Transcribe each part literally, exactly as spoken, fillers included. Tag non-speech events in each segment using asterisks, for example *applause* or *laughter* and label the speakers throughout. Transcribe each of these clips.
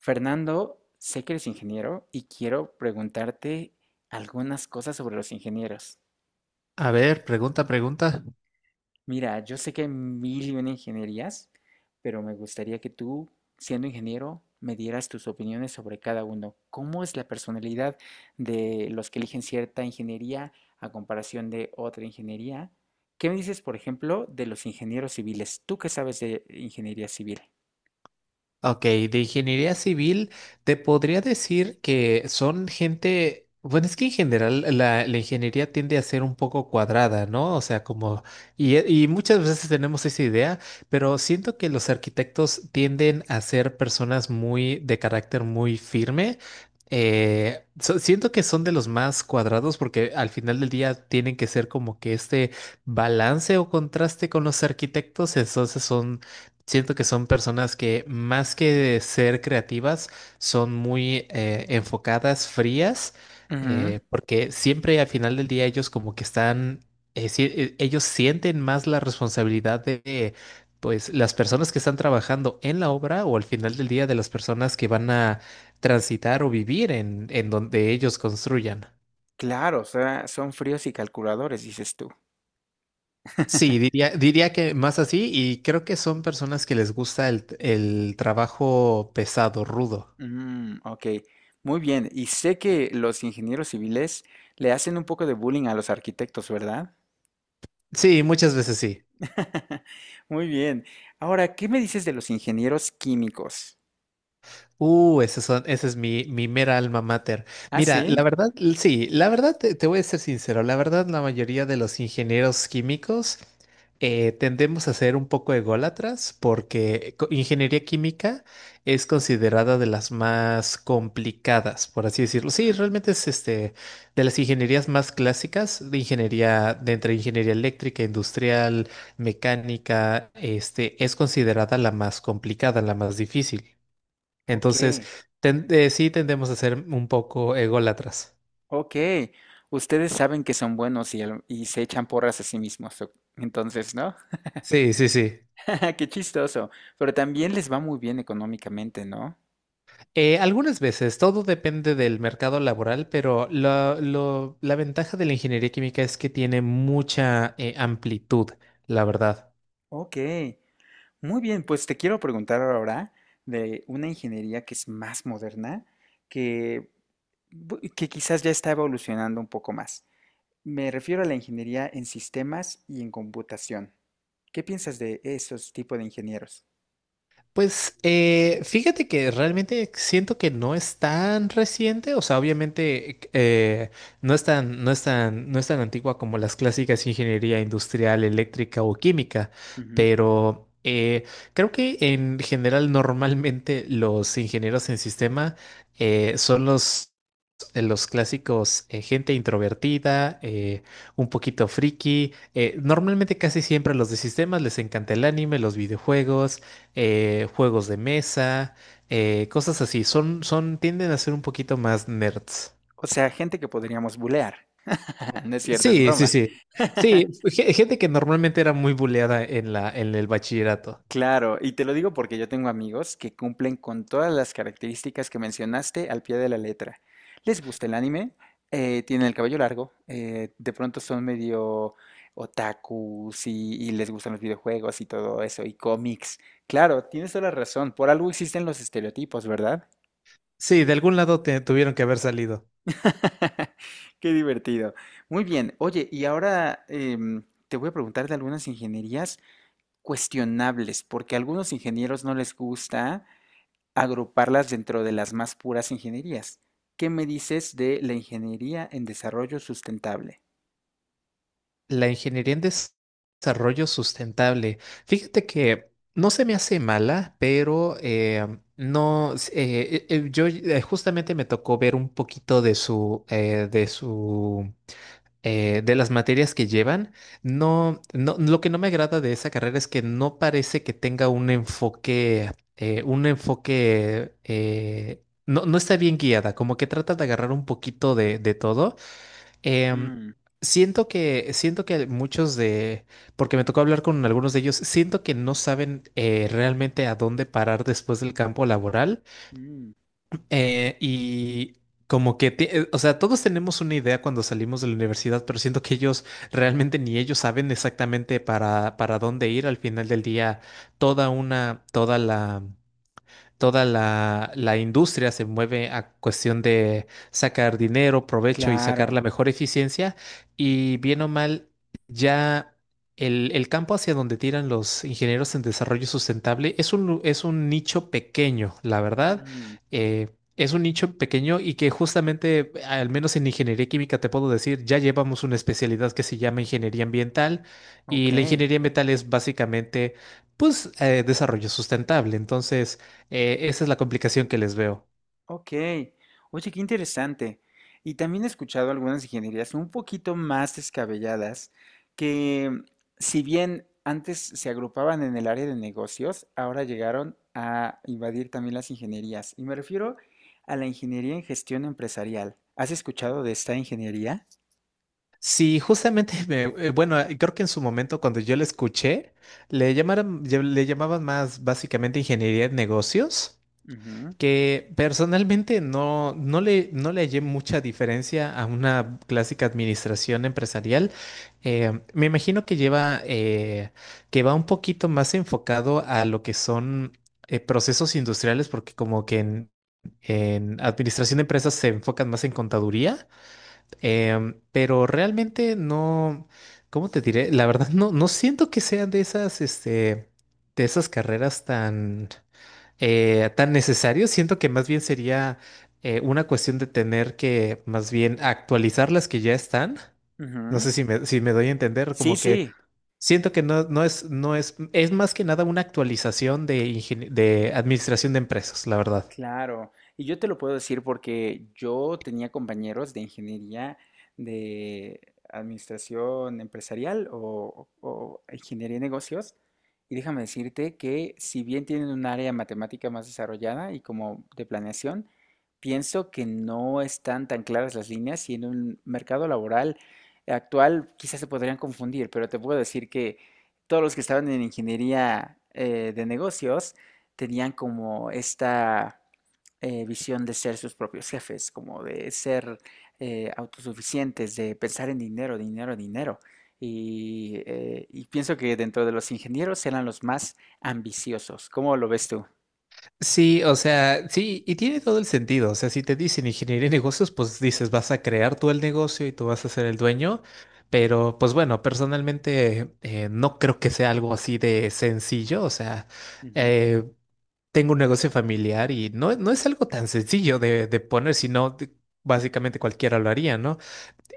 Speaker 1: Fernando, sé que eres ingeniero y quiero preguntarte algunas cosas sobre los ingenieros.
Speaker 2: A ver, pregunta, pregunta.
Speaker 1: Mira, yo sé que hay mil y una ingenierías, pero me gustaría que tú, siendo ingeniero, me dieras tus opiniones sobre cada uno. ¿Cómo es la personalidad de los que eligen cierta ingeniería a comparación de otra ingeniería? ¿Qué me dices, por ejemplo, de los ingenieros civiles? ¿Tú qué sabes de ingeniería civil?
Speaker 2: Ok, de ingeniería civil, te podría decir que son gente. Bueno, es que en general la, la ingeniería tiende a ser un poco cuadrada, ¿no? O sea, como, y, y muchas veces tenemos esa idea, pero siento que los arquitectos tienden a ser personas muy, de carácter muy firme. Eh, so- siento que son de los más cuadrados porque al final del día tienen que ser como que este balance o contraste con los arquitectos, entonces son. Siento que son personas que, más que ser creativas, son muy eh, enfocadas, frías,
Speaker 1: Ujú.
Speaker 2: eh, porque siempre al final del día ellos como que están, eh, si- eh, ellos sienten más la responsabilidad de, pues, las personas que están trabajando en la obra, o al final del día de las personas que van a transitar o vivir en, en donde ellos construyan.
Speaker 1: Claro, o sea, son fríos y calculadores, dices tú.
Speaker 2: Sí, diría, diría que más así, y creo que son personas que les gusta el el trabajo pesado, rudo.
Speaker 1: Mm, ok, muy bien. Y sé que los ingenieros civiles le hacen un poco de bullying a los arquitectos, ¿verdad?
Speaker 2: Sí, muchas veces sí.
Speaker 1: *laughs* Muy bien. Ahora, ¿qué me dices de los ingenieros químicos?
Speaker 2: Uh, ese, son, ese es mi, mi mera alma mater.
Speaker 1: Ah,
Speaker 2: Mira,
Speaker 1: sí.
Speaker 2: la verdad, l- sí, la verdad, te, te voy a ser sincero, la verdad, la mayoría de los ingenieros químicos eh, tendemos a ser un poco ególatras porque co- ingeniería química es considerada de las más complicadas, por así decirlo. Sí, realmente es este, de las ingenierías más clásicas, de ingeniería, de entre ingeniería eléctrica, industrial, mecánica, este, es considerada la más complicada, la más difícil.
Speaker 1: Ok,
Speaker 2: Entonces, ten- eh, sí tendemos a ser un poco ególatras.
Speaker 1: ok. Ustedes saben que son buenos y, al- y se echan porras a sí mismos, o- entonces, ¿no?
Speaker 2: Sí, sí, sí.
Speaker 1: *laughs* Qué chistoso. Pero también les va muy bien económicamente, ¿no?
Speaker 2: Eh, algunas veces, todo depende del mercado laboral, pero lo- lo- la ventaja de la ingeniería química es que tiene mucha eh, amplitud, la verdad.
Speaker 1: Ok. Muy bien, pues te quiero preguntar ahora de una ingeniería que es más moderna, que, bu- que quizás ya está evolucionando un poco más. Me refiero a la ingeniería en sistemas y en computación. ¿Qué piensas de esos tipos de ingenieros?
Speaker 2: Pues eh, fíjate que realmente siento que no es tan reciente. O sea, obviamente eh, no es tan, no es tan, no es tan antigua como las clásicas ingeniería industrial, eléctrica o química,
Speaker 1: Ujú.
Speaker 2: pero eh, creo que en general normalmente los ingenieros en sistema eh, son los los clásicos, eh, gente introvertida, eh, un poquito friki. Eh, normalmente casi siempre a los de sistemas les encanta el anime, los videojuegos, eh, juegos de mesa, eh, cosas así. Son, son, tienden a ser un poquito más nerds.
Speaker 1: O sea, gente que podríamos bulear. *laughs* No es cierto, es
Speaker 2: Sí, sí,
Speaker 1: broma.
Speaker 2: sí. Sí,
Speaker 1: *laughs*
Speaker 2: ge- gente que normalmente era muy buleada en la, en el bachillerato.
Speaker 1: Claro, y te lo digo porque yo tengo amigos que cumplen con todas las características que mencionaste al pie de la letra. Les gusta el anime, eh, tienen el cabello largo, eh, de pronto son medio otakus y, y les gustan los videojuegos y todo eso, y cómics. Claro, tienes toda la razón, por algo existen los estereotipos, ¿verdad?
Speaker 2: Sí, de algún lado te- tuvieron que haber salido.
Speaker 1: *laughs* Qué divertido. Muy bien, oye, y ahora em, te voy a preguntar de algunas ingenierías cuestionables, porque a algunos ingenieros no les gusta agruparlas dentro de las más puras ingenierías. ¿Qué me dices de la ingeniería en desarrollo sustentable?
Speaker 2: La ingeniería en des- desarrollo sustentable. Fíjate que no se me hace mala, pero eh, no, s- eh, eh, eh, yo eh, justamente me tocó ver un poquito de su, eh, de su, eh, de las materias que llevan. No, no, lo que no me agrada de esa carrera es que no parece que tenga un enfoque, eh, un enfoque, eh, no, no está bien guiada, como que trata de agarrar un poquito de de todo. Em,
Speaker 1: Mm,
Speaker 2: siento que, siento que muchos de, porque me tocó hablar con algunos de ellos, siento que no saben eh, realmente a dónde parar después del campo laboral.
Speaker 1: mm,
Speaker 2: eh, y Como que, ti- eh, o sea, todos tenemos una idea cuando salimos de la universidad, pero siento que ellos realmente ni ellos saben exactamente para, para dónde ir al final del día. Toda una, toda la toda la, la industria se mueve a cuestión de sacar dinero, provecho y sacar
Speaker 1: claro.
Speaker 2: la mejor eficiencia. Y bien o mal, ya el, el campo hacia donde tiran los ingenieros en desarrollo sustentable es un, lu- es un nicho pequeño, la verdad.
Speaker 1: Mm,
Speaker 2: Eh, es un nicho pequeño y que justamente, al menos en ingeniería química, te puedo decir, ya llevamos una especialidad que se llama ingeniería ambiental, y la
Speaker 1: ok,
Speaker 2: ingeniería ambiental es básicamente, pues, eh, desarrollo sustentable. Entonces, eh, esa es la complicación que les veo.
Speaker 1: ok. Oye, qué interesante. Y también he escuchado algunas ingenierías un poquito más descabelladas que, mm, si bien antes se agrupaban en el área de negocios, ahora llegaron a invadir también las ingenierías. Y me refiero a la ingeniería en gestión empresarial. ¿Has escuchado de esta ingeniería?
Speaker 2: Sí, justamente, *laughs* me- eh, bueno, eh, creo que en su momento cuando yo la escuché, le llamaron, ya- le llamaban más básicamente ingeniería de negocios,
Speaker 1: Ujú,
Speaker 2: que personalmente no, no le, no le hallé mucha diferencia a una clásica administración empresarial. Eh, me imagino que lleva, eh, que va un poquito más enfocado a lo que son eh, procesos industriales, porque como que en en administración de empresas se enfocan más en contaduría. Em, pero realmente no, ¿cómo te diré? La verdad no, no siento que sean de esas, este, de esas carreras tan, eh, tan necesarias. Siento que más bien sería eh, una cuestión de tener que más bien actualizar las que ya están. No
Speaker 1: ujú.
Speaker 2: sé si me, si me doy a entender,
Speaker 1: Sí,
Speaker 2: como que
Speaker 1: sí.
Speaker 2: siento que no, no es, no es, es más que nada una actualización de, ingenie- de administración de empresas, la verdad.
Speaker 1: Claro, y yo te lo puedo decir porque yo tenía compañeros de ingeniería de administración empresarial o, o ingeniería de negocios, y déjame decirte que si bien tienen un área matemática más desarrollada y como de planeación, pienso que no están tan claras las líneas y en un mercado laboral actual quizás se podrían confundir, pero te puedo decir que todos los que estaban en ingeniería eh, de negocios, tenían como esta eh, visión de ser sus propios jefes, como de ser eh, autosuficientes, de pensar en dinero, dinero, dinero. Y, eh, y pienso que dentro de los ingenieros eran los más ambiciosos. ¿Cómo lo ves tú?
Speaker 2: Sí, o sea, sí, y tiene todo el sentido. O sea, si te dicen ingeniería de negocios, pues dices, vas a crear tú el negocio y tú vas a ser el dueño. Pero, pues bueno, personalmente eh, no creo que sea algo así de sencillo. O sea,
Speaker 1: Ujú.
Speaker 2: eh, tengo un negocio familiar y no, no es algo tan sencillo de, de poner, sino de- básicamente cualquiera lo haría, ¿no?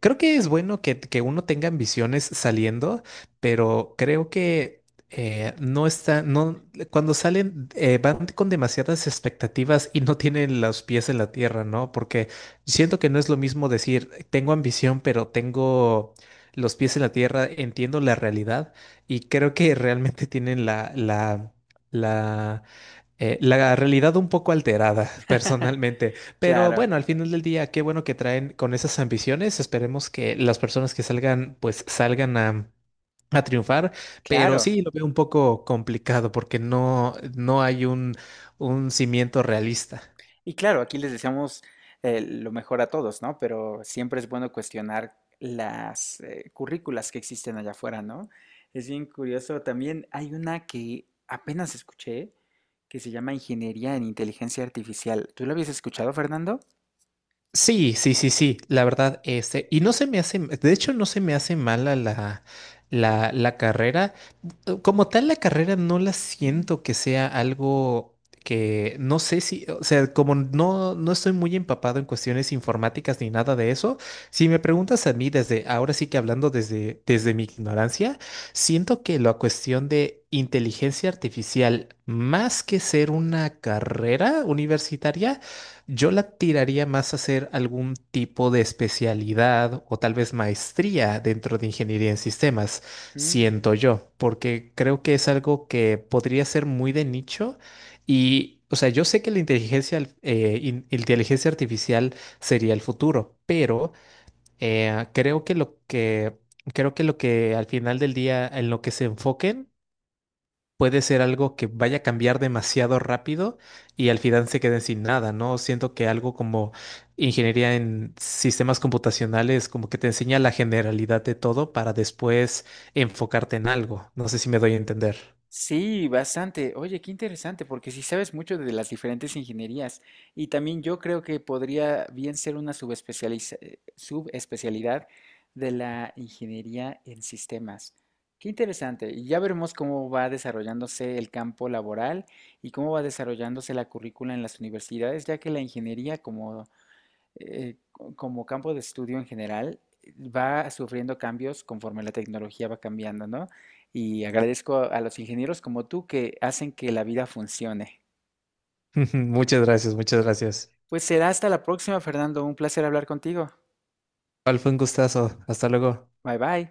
Speaker 2: Creo que es bueno que, que uno tenga ambiciones saliendo, pero creo que eh, no está, no, cuando salen eh, van con demasiadas expectativas y no tienen los pies en la tierra, ¿no? Porque siento que no es lo mismo decir, tengo ambición, pero tengo los pies en la tierra, entiendo la realidad, y creo que realmente tienen la, la, la eh, la realidad un poco alterada, *laughs*
Speaker 1: *laughs*
Speaker 2: personalmente. Pero
Speaker 1: Claro,
Speaker 2: bueno, al final del día, qué bueno que traen con esas ambiciones. Esperemos que las personas que salgan, pues salgan a, a triunfar. Pero
Speaker 1: claro.
Speaker 2: sí, lo veo un poco complicado porque no, no hay un, un cimiento realista.
Speaker 1: Y claro, aquí les deseamos eh, lo mejor a todos, ¿no? Pero siempre es bueno cuestionar las eh, currículas que existen allá afuera, ¿no? Es bien curioso. También hay una que apenas escuché que se llama Ingeniería en Inteligencia Artificial. ¿Tú la habías escuchado, Fernando?
Speaker 2: Sí, sí, sí, sí, la verdad, este, y no se me hace, de hecho no se me hace mala la, la, la carrera. Eh, como tal la carrera no la siento que sea algo que, no sé si, o sea, como no, no estoy muy empapado en cuestiones informáticas ni nada de eso. Si me preguntas a mí desde, ahora sí que hablando desde, desde mi ignorancia, siento que la cuestión de inteligencia artificial, más que ser una carrera universitaria, yo la tiraría más a hacer algún tipo de especialidad, o tal vez maestría dentro de ingeniería en sistemas, siento yo, porque creo que es algo que podría ser muy de nicho. Y, o sea, yo sé que la inteligencia, al- eh, in- inteligencia artificial sería el futuro, pero eh, creo que lo que, creo que lo que al final del día en lo que se enfoquen puede ser algo que vaya a cambiar demasiado rápido, y al final se queden sin nada, ¿no? Siento que algo como ingeniería en sistemas computacionales como que te enseña la generalidad de todo para después enfocarte en algo. No sé si me doy a entender.
Speaker 1: Sí, bastante. Oye, qué interesante, porque sí sabes mucho de las diferentes ingenierías. Y también yo creo que podría bien ser una subespecializa- eh, subespecialidad de la ingeniería en sistemas. Qué interesante. Y ya veremos cómo va desarrollándose el campo laboral y cómo va desarrollándose la currícula en las universidades, ya que la ingeniería, como eh, como campo de estudio en general, va sufriendo cambios conforme la tecnología va cambiando, ¿no? Y agradezco a a los ingenieros como tú que hacen que la vida funcione.
Speaker 2: *laughs* Muchas gracias, muchas gracias.
Speaker 1: Pues será hasta la próxima, Fernando. Un placer hablar contigo.
Speaker 2: Igual fue un gustazo. Hasta luego.
Speaker 1: Bye bye.